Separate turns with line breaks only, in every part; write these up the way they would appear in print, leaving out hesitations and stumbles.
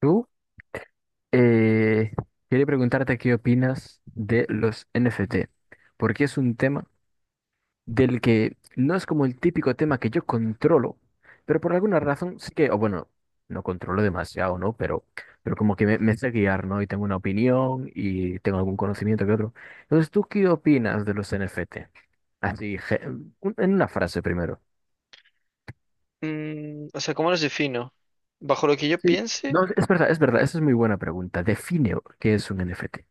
Tú, eh, quería preguntarte qué opinas de los NFT, porque es un tema del que no es como el típico tema que yo controlo, pero por alguna razón sí que, o bueno, no controlo demasiado, ¿no? Pero como que me sé guiar, ¿no? Y tengo una opinión y tengo algún conocimiento que otro. Entonces, ¿tú qué opinas de los NFT? Así, en una frase primero.
¿Cómo los defino? Bajo lo que yo
Sí.
piense,
No, es verdad, esa es muy buena pregunta. Define qué es un NFT.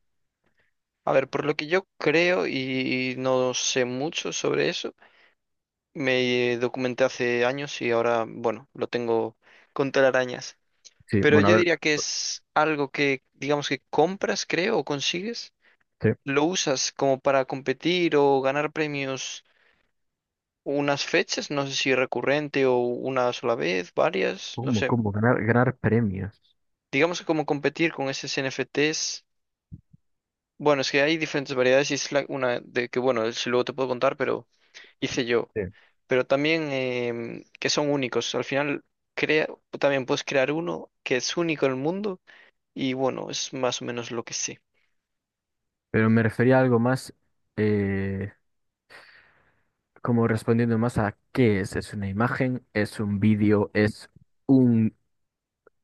a ver, por lo que yo creo y no sé mucho sobre eso, me documenté hace años y ahora, bueno, lo tengo con telarañas.
Sí,
Pero
bueno, a
yo
ver.
diría que es algo que, digamos que compras, creo, o consigues,
Sí.
lo usas como para competir o ganar premios unas fechas, no sé si recurrente o una sola vez, varias, no
¿Cómo,
sé.
cómo? Ganar, ganar premios.
Digamos que como competir con esos NFTs. Bueno, es que hay diferentes variedades y es una de que, bueno, si luego te puedo contar, pero hice yo.
Sí.
Pero también que son únicos. Al final, crea, también puedes crear uno que es único en el mundo y, bueno, es más o menos lo que sé.
Pero me refería a algo más, eh, como respondiendo más a qué es. ¿Es una imagen? ¿Es un vídeo? ¿Es un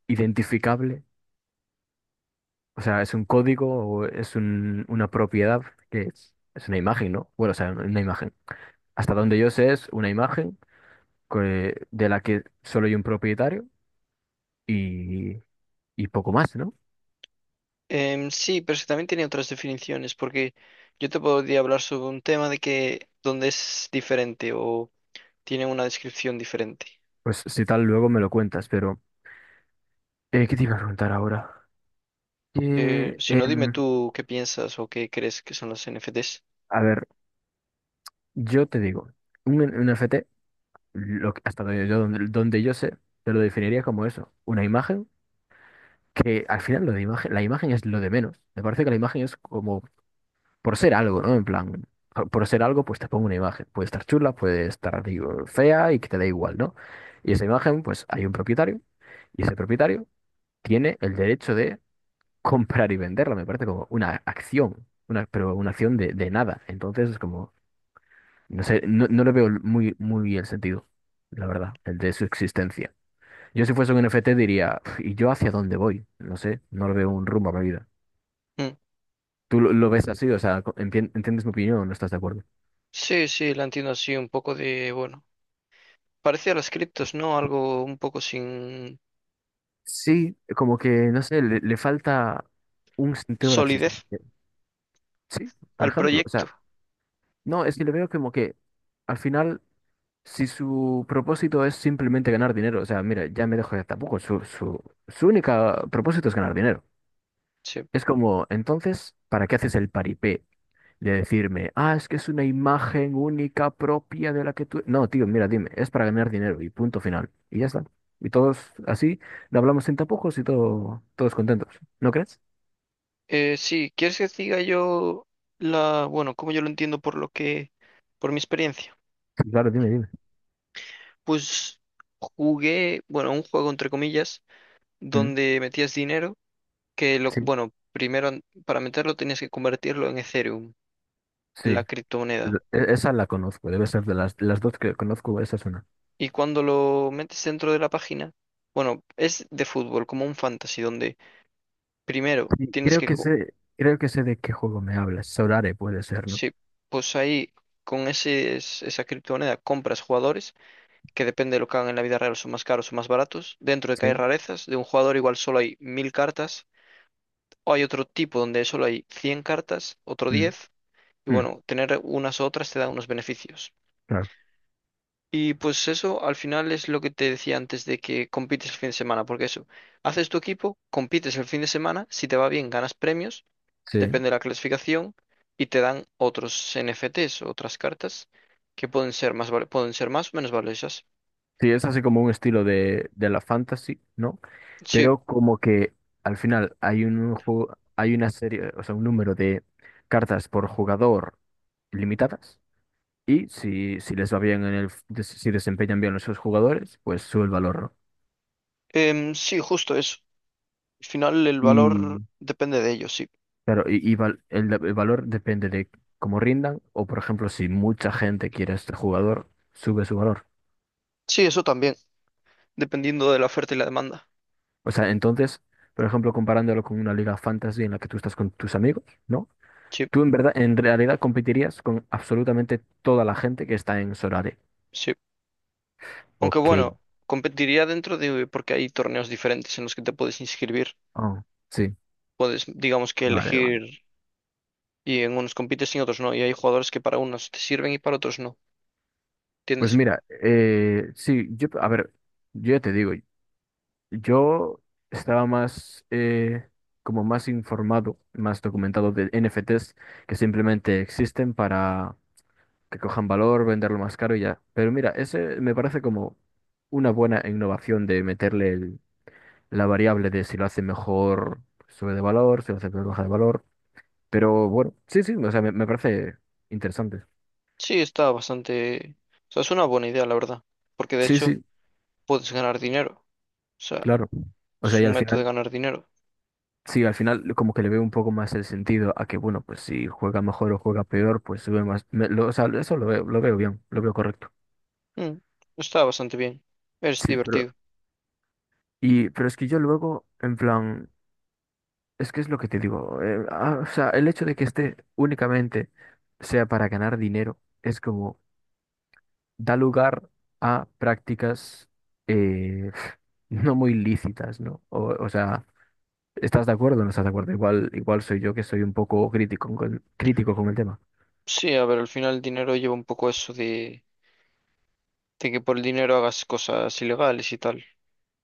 identificable? O sea, ¿es un código o es una propiedad? ¿Qué es? Es una imagen, ¿no? Bueno, o sea, una imagen. Hasta donde yo sé es una imagen de la que solo hay un propietario y, y poco más, ¿no?
Sí, pero es que también tiene otras definiciones, porque yo te podría hablar sobre un tema de que donde es diferente o tiene una descripción diferente.
Pues si tal, luego me lo cuentas, pero ¿qué te iba a preguntar ahora? Eh,
Si no, dime
em,
tú qué piensas o qué crees que son los NFTs.
a ver. Yo te digo, un NFT, hasta donde yo sé, te lo definiría como eso, una imagen que al final lo de imagen, la imagen es lo de menos. Me parece que la imagen es como por ser algo, ¿no? En plan, por ser algo, pues te pongo una imagen. Puede estar chula, puede estar digo, fea y que te da igual, ¿no? Y esa imagen, pues hay un propietario y ese propietario tiene el derecho de comprar y venderla. Me parece como una acción, una, pero una acción de nada. Entonces es como... No sé, no le veo muy el sentido, la verdad, el de su existencia. Yo si fuese un NFT diría, "Pf, ¿y yo hacia dónde voy? No sé, no le veo un rumbo a mi vida.
Mm.
¿Tú lo ves así? O sea, ¿entiendes mi opinión o no estás de acuerdo?
Sí, sí, la entiendo así, un poco de, bueno. Parecía las criptos, ¿no? Algo un poco sin
Sí, como que, no sé, le falta un sentido a la
solidez
existencia. Sí, por
al
ejemplo, o
proyecto.
sea, no, es que le veo como que al final, si su propósito es simplemente ganar dinero, o sea, mira, ya me dejo ya tampoco, su única propósito es ganar dinero.
Sí.
Es como, entonces, ¿para qué haces el paripé de decirme, ah, es que es una imagen única propia de la que tú... No, tío, mira, dime, es para ganar dinero y punto final. Y ya está. Y todos así, lo hablamos sin tapujos y todo, todos contentos. ¿No crees?
Sí, ¿quieres que te diga yo la, bueno, como yo lo entiendo por lo que, por mi experiencia?
Sí. Claro, dime, dime.
Pues jugué, bueno, un juego entre comillas,
Mm.
donde metías dinero, que lo,
Sí,
bueno, primero para meterlo tenías que convertirlo en Ethereum, la
sí.
criptomoneda.
Esa la conozco, debe ser de las dos que conozco, esa es una.
Y cuando lo metes dentro de la página, bueno, es de fútbol, como un fantasy, donde primero
Sí,
tienes que co-
creo que sé de qué juego me hablas. Sorare puede ser, ¿no?
Sí, pues ahí con ese, esa criptomoneda compras jugadores que depende de lo que hagan en la vida real son más caros o más baratos. Dentro de que hay
Sí.
rarezas, de un jugador igual solo hay mil cartas, o hay otro tipo donde solo hay 100 cartas, otro
Mm,
diez, y
mm,
bueno, tener unas u otras te da unos beneficios.
claro.
Y pues eso al final es lo que te decía antes de que compites el fin de semana, porque eso, haces tu equipo, compites el fin de semana, si te va bien ganas premios
Sí.
depende de la clasificación, y te dan otros NFTs, otras cartas, que pueden ser más, pueden ser más o menos valiosas.
Sí, es así como un estilo de la fantasy, ¿no?
Sí,
Pero como que al final hay un juego, hay una serie, o sea, un número de cartas por jugador limitadas y si les va bien en el, si desempeñan bien los sus jugadores, pues sube el valor, ¿no?
sí, justo eso. Al final el valor
Y
depende de ellos, sí.
claro, el valor depende de cómo rindan o, por ejemplo, si mucha gente quiere a este jugador, sube su valor.
Sí, eso también, dependiendo de la oferta y la demanda.
O sea, entonces, por ejemplo, comparándolo con una liga fantasy en la que tú estás con tus amigos, ¿no?
Sí,
Tú en verdad, en realidad competirías con absolutamente toda la gente que está en Sorare.
sí. Aunque
Ok.
bueno, competiría dentro de, porque hay torneos diferentes en los que te puedes inscribir.
Ah, sí.
Puedes, digamos que
Vale, vale.
elegir y en unos compites y en otros no. Y hay jugadores que para unos te sirven y para otros no. ¿Entiendes?
Pues mira, sí, yo, a ver, yo ya te digo, yo estaba más, como más informado, más documentado de NFTs que simplemente existen para que cojan valor, venderlo más caro y ya. Pero mira, ese me parece como una buena innovación de meterle la variable de si lo hace mejor, sube de valor, si lo hace peor, baja de valor. Pero bueno, sí, sí, o sea, me parece interesante.
Sí, está bastante... O sea, es una buena idea, la verdad. Porque de
Sí,
hecho
sí,
puedes ganar dinero. O sea,
claro. O sea,
es
y
un
al
método de
final,
ganar dinero.
sí, al final como que le veo un poco más el sentido a que, bueno, pues si juega mejor o juega peor, pues sube más. O sea, eso lo veo bien, lo veo correcto.
Mm, está bastante bien. Es
Sí, pero,
divertido.
y, pero es que yo luego, en plan, es que es lo que te digo, o sea, el hecho de que esté únicamente sea para ganar dinero, es como, da lugar a prácticas eh, no muy lícitas, ¿no? O sea, ¿estás de acuerdo o no estás de acuerdo? Igual, igual soy yo que soy un poco crítico con el tema.
Sí, a ver, al final el dinero lleva un poco eso de que por el dinero hagas cosas ilegales y tal.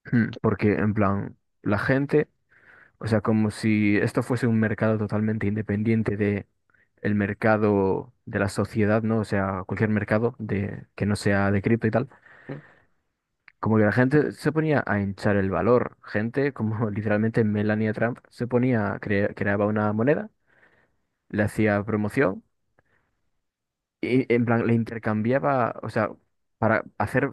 Hmm. Porque, en plan, la gente, o sea, como si esto fuese un mercado totalmente independiente de el mercado de la sociedad, ¿no? O sea, cualquier mercado de, que no sea de cripto y tal.
Mm.
Como que la gente se ponía a hinchar el valor. Gente como literalmente Melania Trump se ponía, creaba una moneda, le hacía promoción y, en plan, le intercambiaba, o sea, para hacer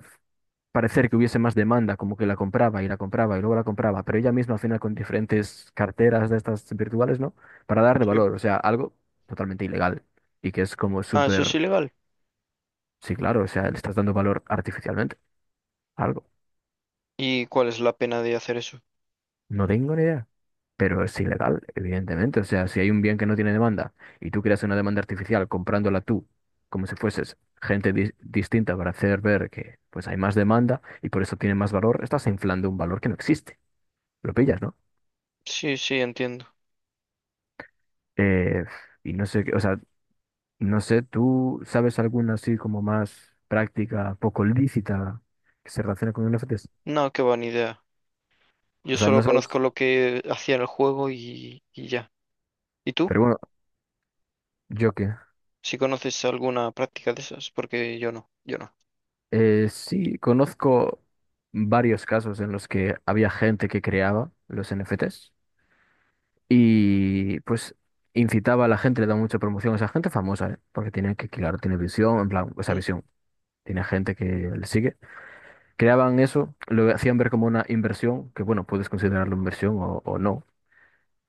parecer que hubiese más demanda, como que la compraba y luego la compraba, pero ella misma al final con diferentes carteras de estas virtuales, ¿no? Para darle
Sí.
valor, o sea, algo totalmente ilegal y que es como
Ah, eso es
súper,
ilegal.
sí, claro, o sea, le estás dando valor artificialmente, algo.
¿Y cuál es la pena de hacer eso?
No tengo ni idea. Pero es ilegal, evidentemente. O sea, si hay un bien que no tiene demanda y tú creas una demanda artificial comprándola tú, como si fueses gente distinta para hacer ver que pues hay más demanda y por eso tiene más valor, estás inflando un valor que no existe. Lo pillas, ¿no?
Sí, sí, entiendo.
Eh, y no sé, o sea, no sé, ¿tú sabes alguna así como más práctica, poco lícita que se relaciona con NFTs?
No, qué buena idea. Yo
O sea, no
solo conozco
sabes.
lo que hacía en el juego y ya. ¿Y tú?
Pero bueno, yo qué.
¿Si conoces alguna práctica de esas? Porque yo no, yo no.
Sí, conozco varios casos en los que había gente que creaba los NFTs y pues incitaba a la gente, le daba mucha promoción a esa gente famosa, ¿eh? Porque tiene que, claro, tiene visión, en plan, esa
Mm.
visión, tiene gente que le sigue. Creaban eso, lo hacían ver como una inversión, que bueno, puedes considerarlo inversión o no,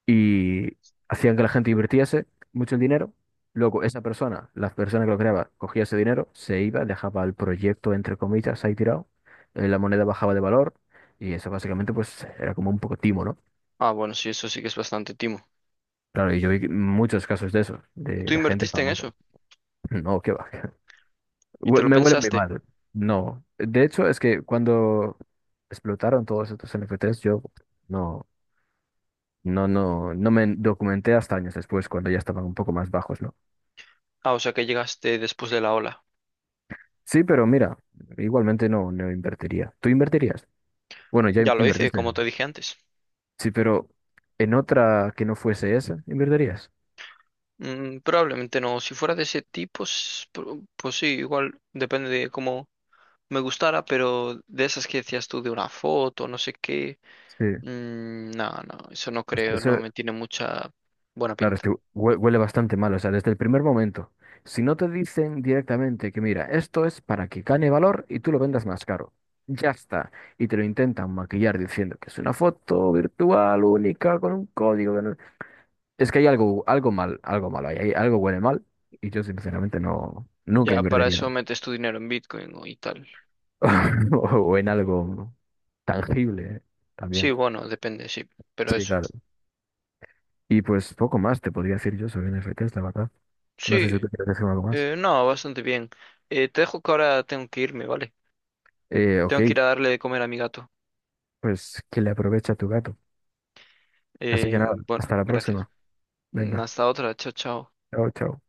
y hacían que la gente invirtiese mucho el dinero. Luego, esa persona, la persona que lo creaba, cogía ese dinero, se iba, dejaba el proyecto, entre comillas, ahí tirado. La moneda bajaba de valor y eso básicamente pues era como un poco timo, ¿no?
Ah, bueno, sí, eso sí que es bastante timo.
Claro, y yo vi muchos casos de eso,
Tú
de gente
invertiste en
famosa.
eso
No, qué va.
y te lo
Me huele muy
pensaste.
mal. No. De hecho, es que cuando explotaron todos estos NFTs, yo no, no me documenté hasta años después, cuando ya estaban un poco más bajos, ¿no?
Ah, o sea que llegaste después de la ola.
Sí, pero mira, igualmente no, no invertiría. ¿Tú invertirías? Bueno, ya
Ya lo hice,
invertiste.
como te dije antes.
Sí, pero en otra que no fuese esa, ¿invertirías?
Mm, probablemente no. Si fuera de ese tipo, pues sí, igual depende de cómo me gustara, pero de esas que decías tú de una foto, no sé qué.
Sí.
Mm, no, no, eso no
Es que
creo, no
eso,
me tiene mucha buena
claro, es
pinta.
que huele bastante mal, o sea, desde el primer momento. Si no te dicen directamente que, mira, esto es para que gane valor y tú lo vendas más caro. Ya está. Y te lo intentan maquillar diciendo que es una foto virtual única con un código. Que no- Es que hay algo, algo mal, algo malo, ahí, hay, algo huele mal y yo sinceramente no, nunca
Ya para eso
invertiría.
metes tu dinero en Bitcoin o- y tal.
O en algo tangible, ¿eh?
Sí,
También.
bueno, depende, sí, pero
Sí,
eso.
claro. Y pues poco más te podría decir yo sobre NFTs, la verdad. No sé si
Sí,
tú quieres decir algo más.
No, bastante bien. Te dejo que ahora tengo que irme, ¿vale?
Ok,
Tengo que ir a darle de comer a mi gato.
pues que le aproveche a tu gato. Así que nada,
Bueno,
hasta la
gracias.
próxima.
Mm,
Venga,
hasta otra. Chao, chao.
chao, chao.